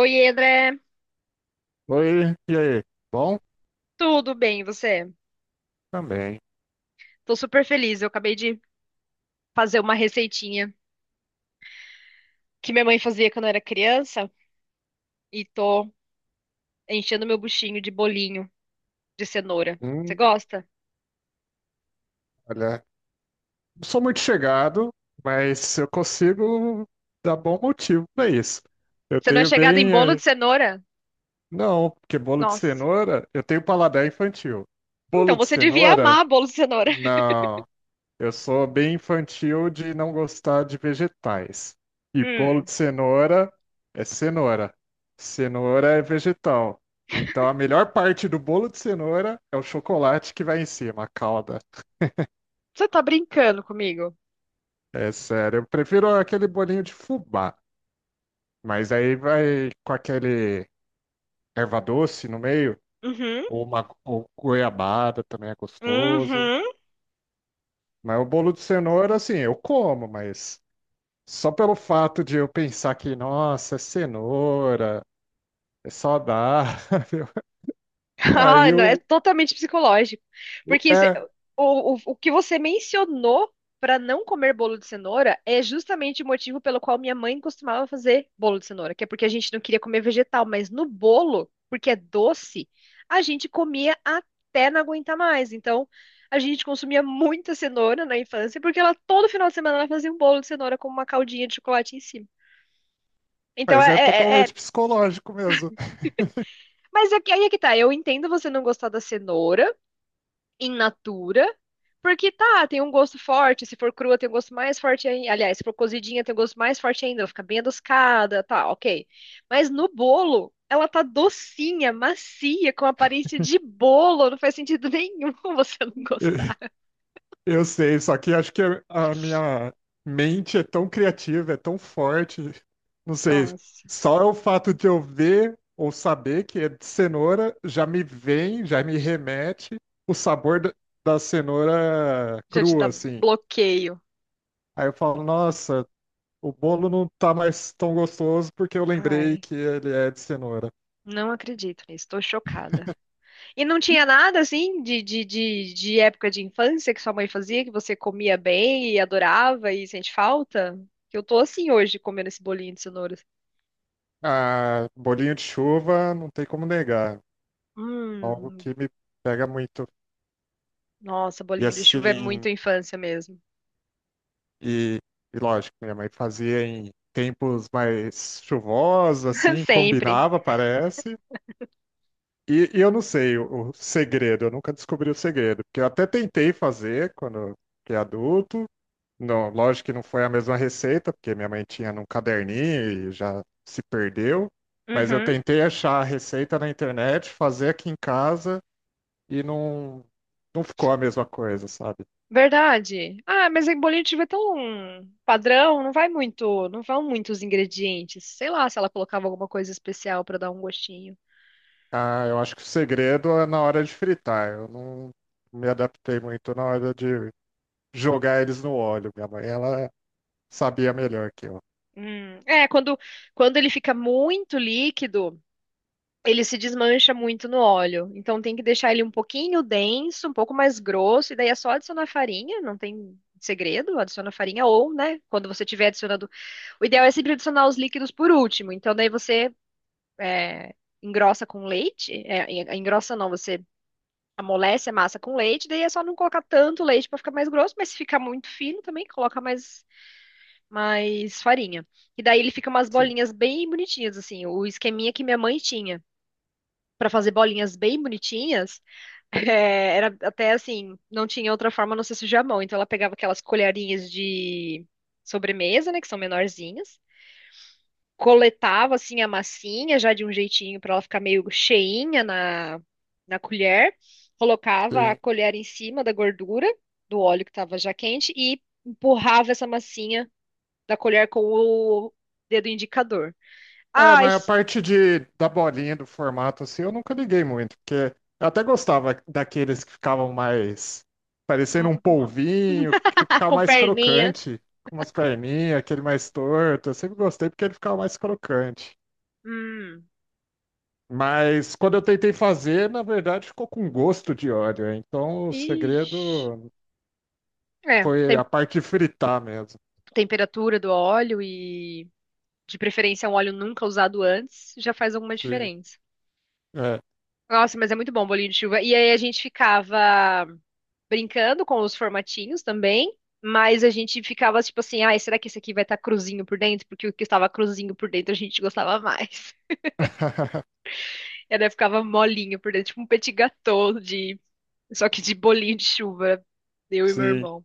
Oi, André. Oi, e aí? Bom? Tudo bem, e você? Também. Tô super feliz. Eu acabei de fazer uma receitinha que minha mãe fazia quando eu era criança e tô enchendo meu buchinho de bolinho de cenoura. Você Hum, gosta? olha, não sou muito chegado, mas eu consigo dar bom motivo para isso. Eu Você não é tenho chegada em bem. bolo de eh, cenoura? Não, porque bolo de Nossa. cenoura, eu tenho paladar infantil. Então Bolo de você devia cenoura, amar bolo de cenoura. não. Eu sou bem infantil de não gostar de vegetais. E bolo Hum, de cenoura é cenoura. Cenoura é vegetal. Então a melhor parte do bolo de cenoura é o chocolate que vai em cima, a calda. você tá brincando comigo? É sério, eu prefiro aquele bolinho de fubá. Mas aí vai com aquele erva doce no meio, Uhum, ou uma ou goiabada também é gostoso. uhum. Mas o bolo de cenoura, assim, eu como, mas. Só pelo fato de eu pensar que, nossa, é cenoura, é saudável. Ah, Aí não, é o. totalmente psicológico. o- Porque É, o que você mencionou para não comer bolo de cenoura é justamente o motivo pelo qual minha mãe costumava fazer bolo de cenoura, que é porque a gente não queria comer vegetal, mas no bolo, porque é doce, a gente comia até não aguentar mais. Então, a gente consumia muita cenoura na infância, porque ela todo final de semana ela fazia um bolo de cenoura com uma caldinha de chocolate em cima. Então, mas é totalmente psicológico mesmo. mas é que- aí é que tá, eu entendo você não gostar da cenoura, in natura, porque tá, tem um gosto forte, se for crua tem um gosto mais forte ainda, aliás, se for cozidinha tem um gosto mais forte ainda, ela fica bem adocicada, tá, ok. Mas no bolo, ela tá docinha, macia, com aparência de bolo, não faz sentido nenhum você não gostar. Eu sei, só que acho que a minha mente é tão criativa, é tão forte. Não sei, Nossa. só é o fato de eu ver ou saber que é de cenoura já me vem, já me remete o sabor da cenoura Já te dá crua, assim. bloqueio. Aí eu falo, nossa, o bolo não tá mais tão gostoso porque eu lembrei Ai. que ele é de cenoura. Não acredito nisso, tô chocada. E não tinha nada assim de época de infância que sua mãe fazia, que você comia bem e adorava e sente falta? Que eu tô assim hoje comendo esse bolinho de cenoura. Ah, bolinho de chuva, não tem como negar. Algo Hum, que me pega muito. nossa, E bolinho de chuva é assim, muito infância mesmo. e, e lógico, minha mãe fazia em tempos mais chuvosos, assim, Sempre. combinava, parece. E eu não sei o segredo, eu nunca descobri o segredo. Porque eu até tentei fazer quando fiquei adulto. Não, lógico que não foi a mesma receita, porque minha mãe tinha num caderninho e já se perdeu. Mas eu Uhum. tentei achar a receita na internet, fazer aqui em casa e não ficou a mesma coisa, sabe? Verdade. Ah, mas em bolinho de chuva é tão padrão, não vai muito, não vão muitos ingredientes. Sei lá se ela colocava alguma coisa especial pra dar um gostinho. Ah, eu acho que o segredo é na hora de fritar. Eu não me adaptei muito na hora de jogar eles no óleo. Minha mãe, ela sabia melhor que eu. É, quando ele fica muito líquido. Ele se desmancha muito no óleo. Então tem que deixar ele um pouquinho denso, um pouco mais grosso, e daí é só adicionar farinha, não tem segredo, adiciona farinha ou, né, quando você tiver adicionando, o ideal é sempre adicionar os líquidos por último. Então daí é, engrossa com leite, é, en- engrossa não, você amolece a massa com leite, daí é só não colocar tanto leite para ficar mais grosso, mas se ficar muito fino também coloca mais farinha. E daí ele fica umas Sim, bolinhas bem bonitinhas assim, o esqueminha que minha mãe tinha para fazer bolinhas bem bonitinhas, é, era até assim, não tinha outra forma a não ser sujar a mão. Então ela pegava aquelas colherinhas de sobremesa, né, que são menorzinhas, coletava assim a massinha já de um jeitinho para ela ficar meio cheinha na colher, colocava a sim. colher em cima da gordura do óleo que estava já quente e empurrava essa massinha da colher com o dedo indicador. É, Ah, mas a esse- parte de, da bolinha, do formato, assim, eu nunca liguei muito, porque eu até gostava daqueles que ficavam mais parecendo um hum, polvinho, que ah, ficava com mais perninha. crocante, com umas perninhas, aquele mais torto. Eu sempre gostei porque ele ficava mais crocante. Hum. Mas quando eu tentei fazer, na verdade ficou com gosto de óleo. Então o Ixi. segredo É, foi tem- a parte de fritar mesmo. temperatura do óleo e de preferência um óleo nunca usado antes já faz alguma Sim, diferença. é, Nossa, mas é muito bom o bolinho de chuva. E aí a gente ficava brincando com os formatinhos também, mas a gente ficava tipo assim, ai, será que esse aqui vai estar cruzinho por dentro? Porque o que estava cruzinho por dentro a gente gostava mais. E daí ficava molinho por dentro, tipo um petit gâteau de só que de bolinho de chuva, eu e meu sim. irmão.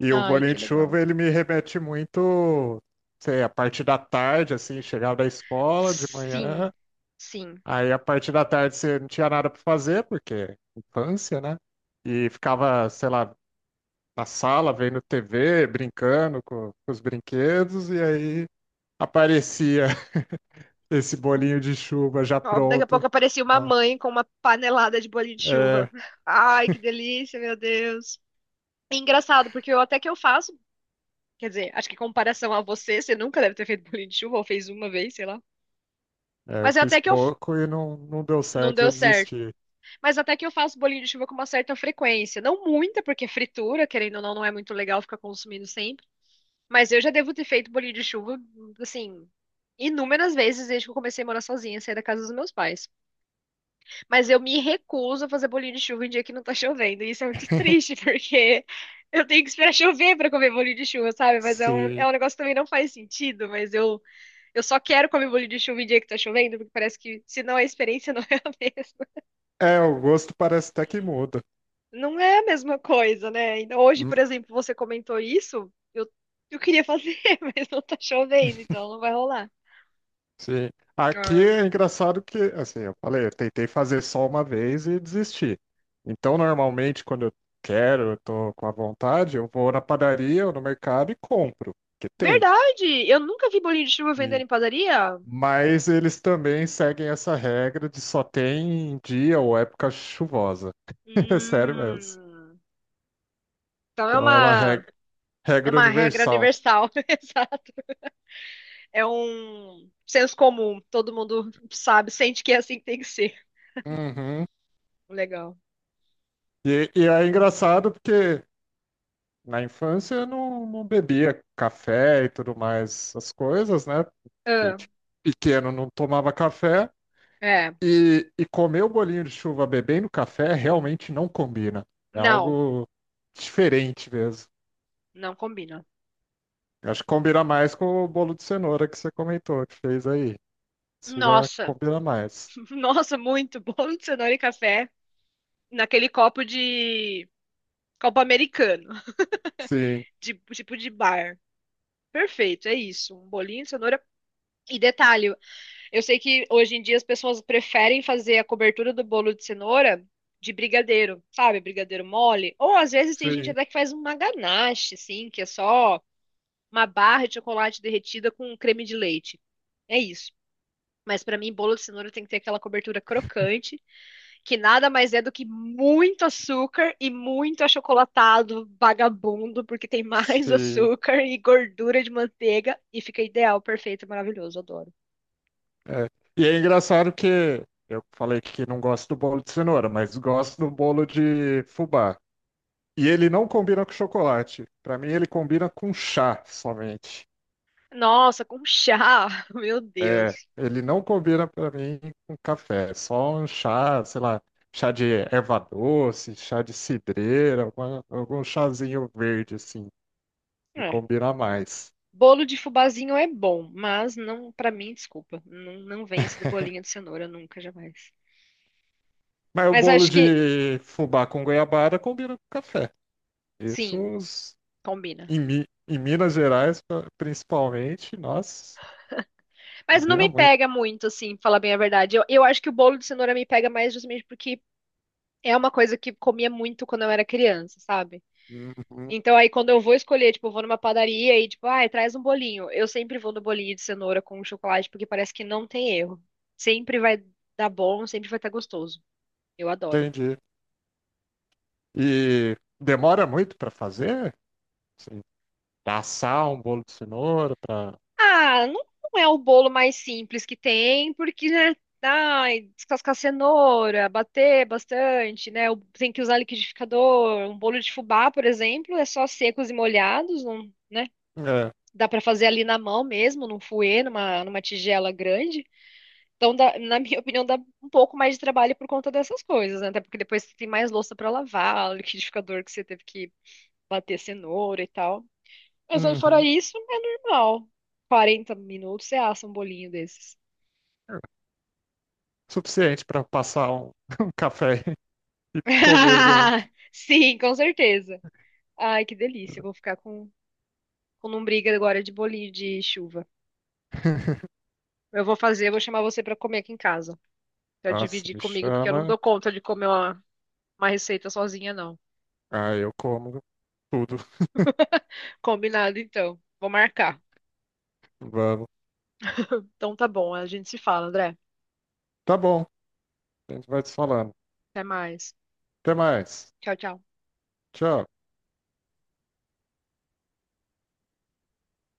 E o Ai, bolinho que de legal. chuva, ele me remete muito, sei, a parte da tarde, assim, chegava da escola de Sim. manhã, Sim. aí a parte da tarde você não tinha nada para fazer, porque infância, né? E ficava, sei lá, na sala, vendo TV, brincando com os brinquedos, e aí aparecia esse bolinho de chuva já Ó, daqui a pronto. pouco aparecia uma Ah, mãe com uma panelada de bolinho de chuva. é, Ai, que delícia, meu Deus. É engraçado, porque eu até que eu faço, quer dizer, acho que em comparação a você, você nunca deve ter feito bolinho de chuva, ou fez uma vez, sei lá. é, eu Mas fiz até que eu. pouco e não deu Não certo, deu já certo. desisti. Mas até que eu faço bolinho de chuva com uma certa frequência. Não muita, porque fritura, querendo ou não, não é muito legal ficar consumindo sempre. Mas eu já devo ter feito bolinho de chuva, assim, inúmeras vezes desde que eu comecei a morar sozinha, sair da casa dos meus pais. Mas eu me recuso a fazer bolinho de chuva em dia que não tá chovendo. E isso é muito triste, porque eu tenho que esperar chover pra comer bolinho de chuva, sabe? Mas é Sim. um negócio que também não faz sentido, eu só quero comer bolinho de chuva em dia que tá chovendo, porque parece que senão a experiência não é a mesma. É, o gosto parece até que muda. Não é a mesma coisa, né? Então hoje, por exemplo, você comentou isso, eu queria fazer, mas não tá chovendo, então não vai rolar. Sim. Aqui Ah. é engraçado que, assim, eu falei, eu tentei fazer só uma vez e desisti. Então, normalmente, quando eu quero, eu tô com a vontade, eu vou na padaria ou no mercado e compro, que tem. Verdade! Eu nunca vi bolinho de chuva Hum. vendendo em padaria. Mas eles também seguem essa regra de só tem em dia ou época chuvosa. É sério mesmo. Hum, então é Então é uma uma É regra uma regra universal. universal, exato. É um senso comum. Todo mundo sabe, sente que é assim que tem que ser. Uhum. Legal. E é engraçado porque na infância eu não bebia café e tudo mais, as coisas, né? Porque Ah, tipo, pequeno não tomava café é. e comer o bolinho de chuva bebendo café realmente não combina. É Não, algo diferente mesmo. não combina. Eu acho que combina mais com o bolo de cenoura que você comentou, que fez aí. Isso já Nossa, combina mais. nossa, muito bolo de cenoura e café naquele copo americano, Sim, de tipo de bar. Perfeito, é isso. Um bolinho de cenoura. E detalhe, eu sei que hoje em dia as pessoas preferem fazer a cobertura do bolo de cenoura de brigadeiro, sabe? Brigadeiro mole. Ou às vezes tem gente sim, até que faz uma ganache, assim, que é só uma barra de chocolate derretida com creme de leite. É isso. Mas pra mim, bolo de cenoura tem que ter aquela cobertura crocante, que nada mais é do que muito açúcar e muito achocolatado vagabundo, porque tem mais sim. açúcar e gordura de manteiga e fica ideal, perfeito, maravilhoso, adoro. É. E é engraçado que eu falei que não gosto do bolo de cenoura, mas gosto do bolo de fubá. E ele não combina com chocolate. Pra mim, ele combina com chá somente. Nossa, com chá, meu Deus. É, ele não combina pra mim com café. É só um chá, sei lá, chá de erva doce, chá de cidreira, algum chazinho verde assim, me É. combina mais. Bolo de fubazinho é bom, mas não, pra mim, desculpa, não vence do bolinho de cenoura nunca, jamais. Mas o Mas bolo acho que de fubá com goiabada combina com café. Isso sim, os- combina. Em Minas Gerais, principalmente, nossa, Mas não combina me muito. pega muito, assim, pra falar bem a verdade. Eu acho que o bolo de cenoura me pega mais justamente porque é uma coisa que comia muito quando eu era criança, sabe? Uhum, Então aí quando eu vou escolher, tipo, eu vou numa padaria e tipo, ai, traz um bolinho. Eu sempre vou no bolinho de cenoura com chocolate porque parece que não tem erro. Sempre vai dar bom, sempre vai estar gostoso. Eu adoro. entendi. E demora muito para fazer? Assim, assar um bolo de cenoura para. Ah, não, não é o bolo mais simples que tem, porque, né? Ai, descascar cenoura, bater bastante, né? o- Tem que usar liquidificador. Um bolo de fubá, por exemplo, é só secos e molhados, não, né? É. Dá pra fazer ali na mão mesmo, num fouet, numa tigela grande. Então, dá- na minha opinião, dá um pouco mais de trabalho por conta dessas coisas, né? Até porque depois você tem mais louça pra lavar, o liquidificador que você teve que bater cenoura e tal. Mas aí fora Uhum. isso, é normal. 40 minutos você assa um bolinho desses. Suficiente para passar um, um café e comer junto. Sim, com certeza. Ai, que delícia. Eu vou ficar com lombriga agora de bolinho de chuva. Eu vou chamar você pra comer aqui em casa. Pra Nossa, dividir me comigo, porque eu não chama. dou conta de comer uma receita sozinha, não. Aí eu como tudo. Combinado, então. Vou marcar. Vamos. Então tá bom, a gente se fala, André. Tá bom. A gente vai se falando. Até mais. Até mais. Tchau, tchau. Tchau.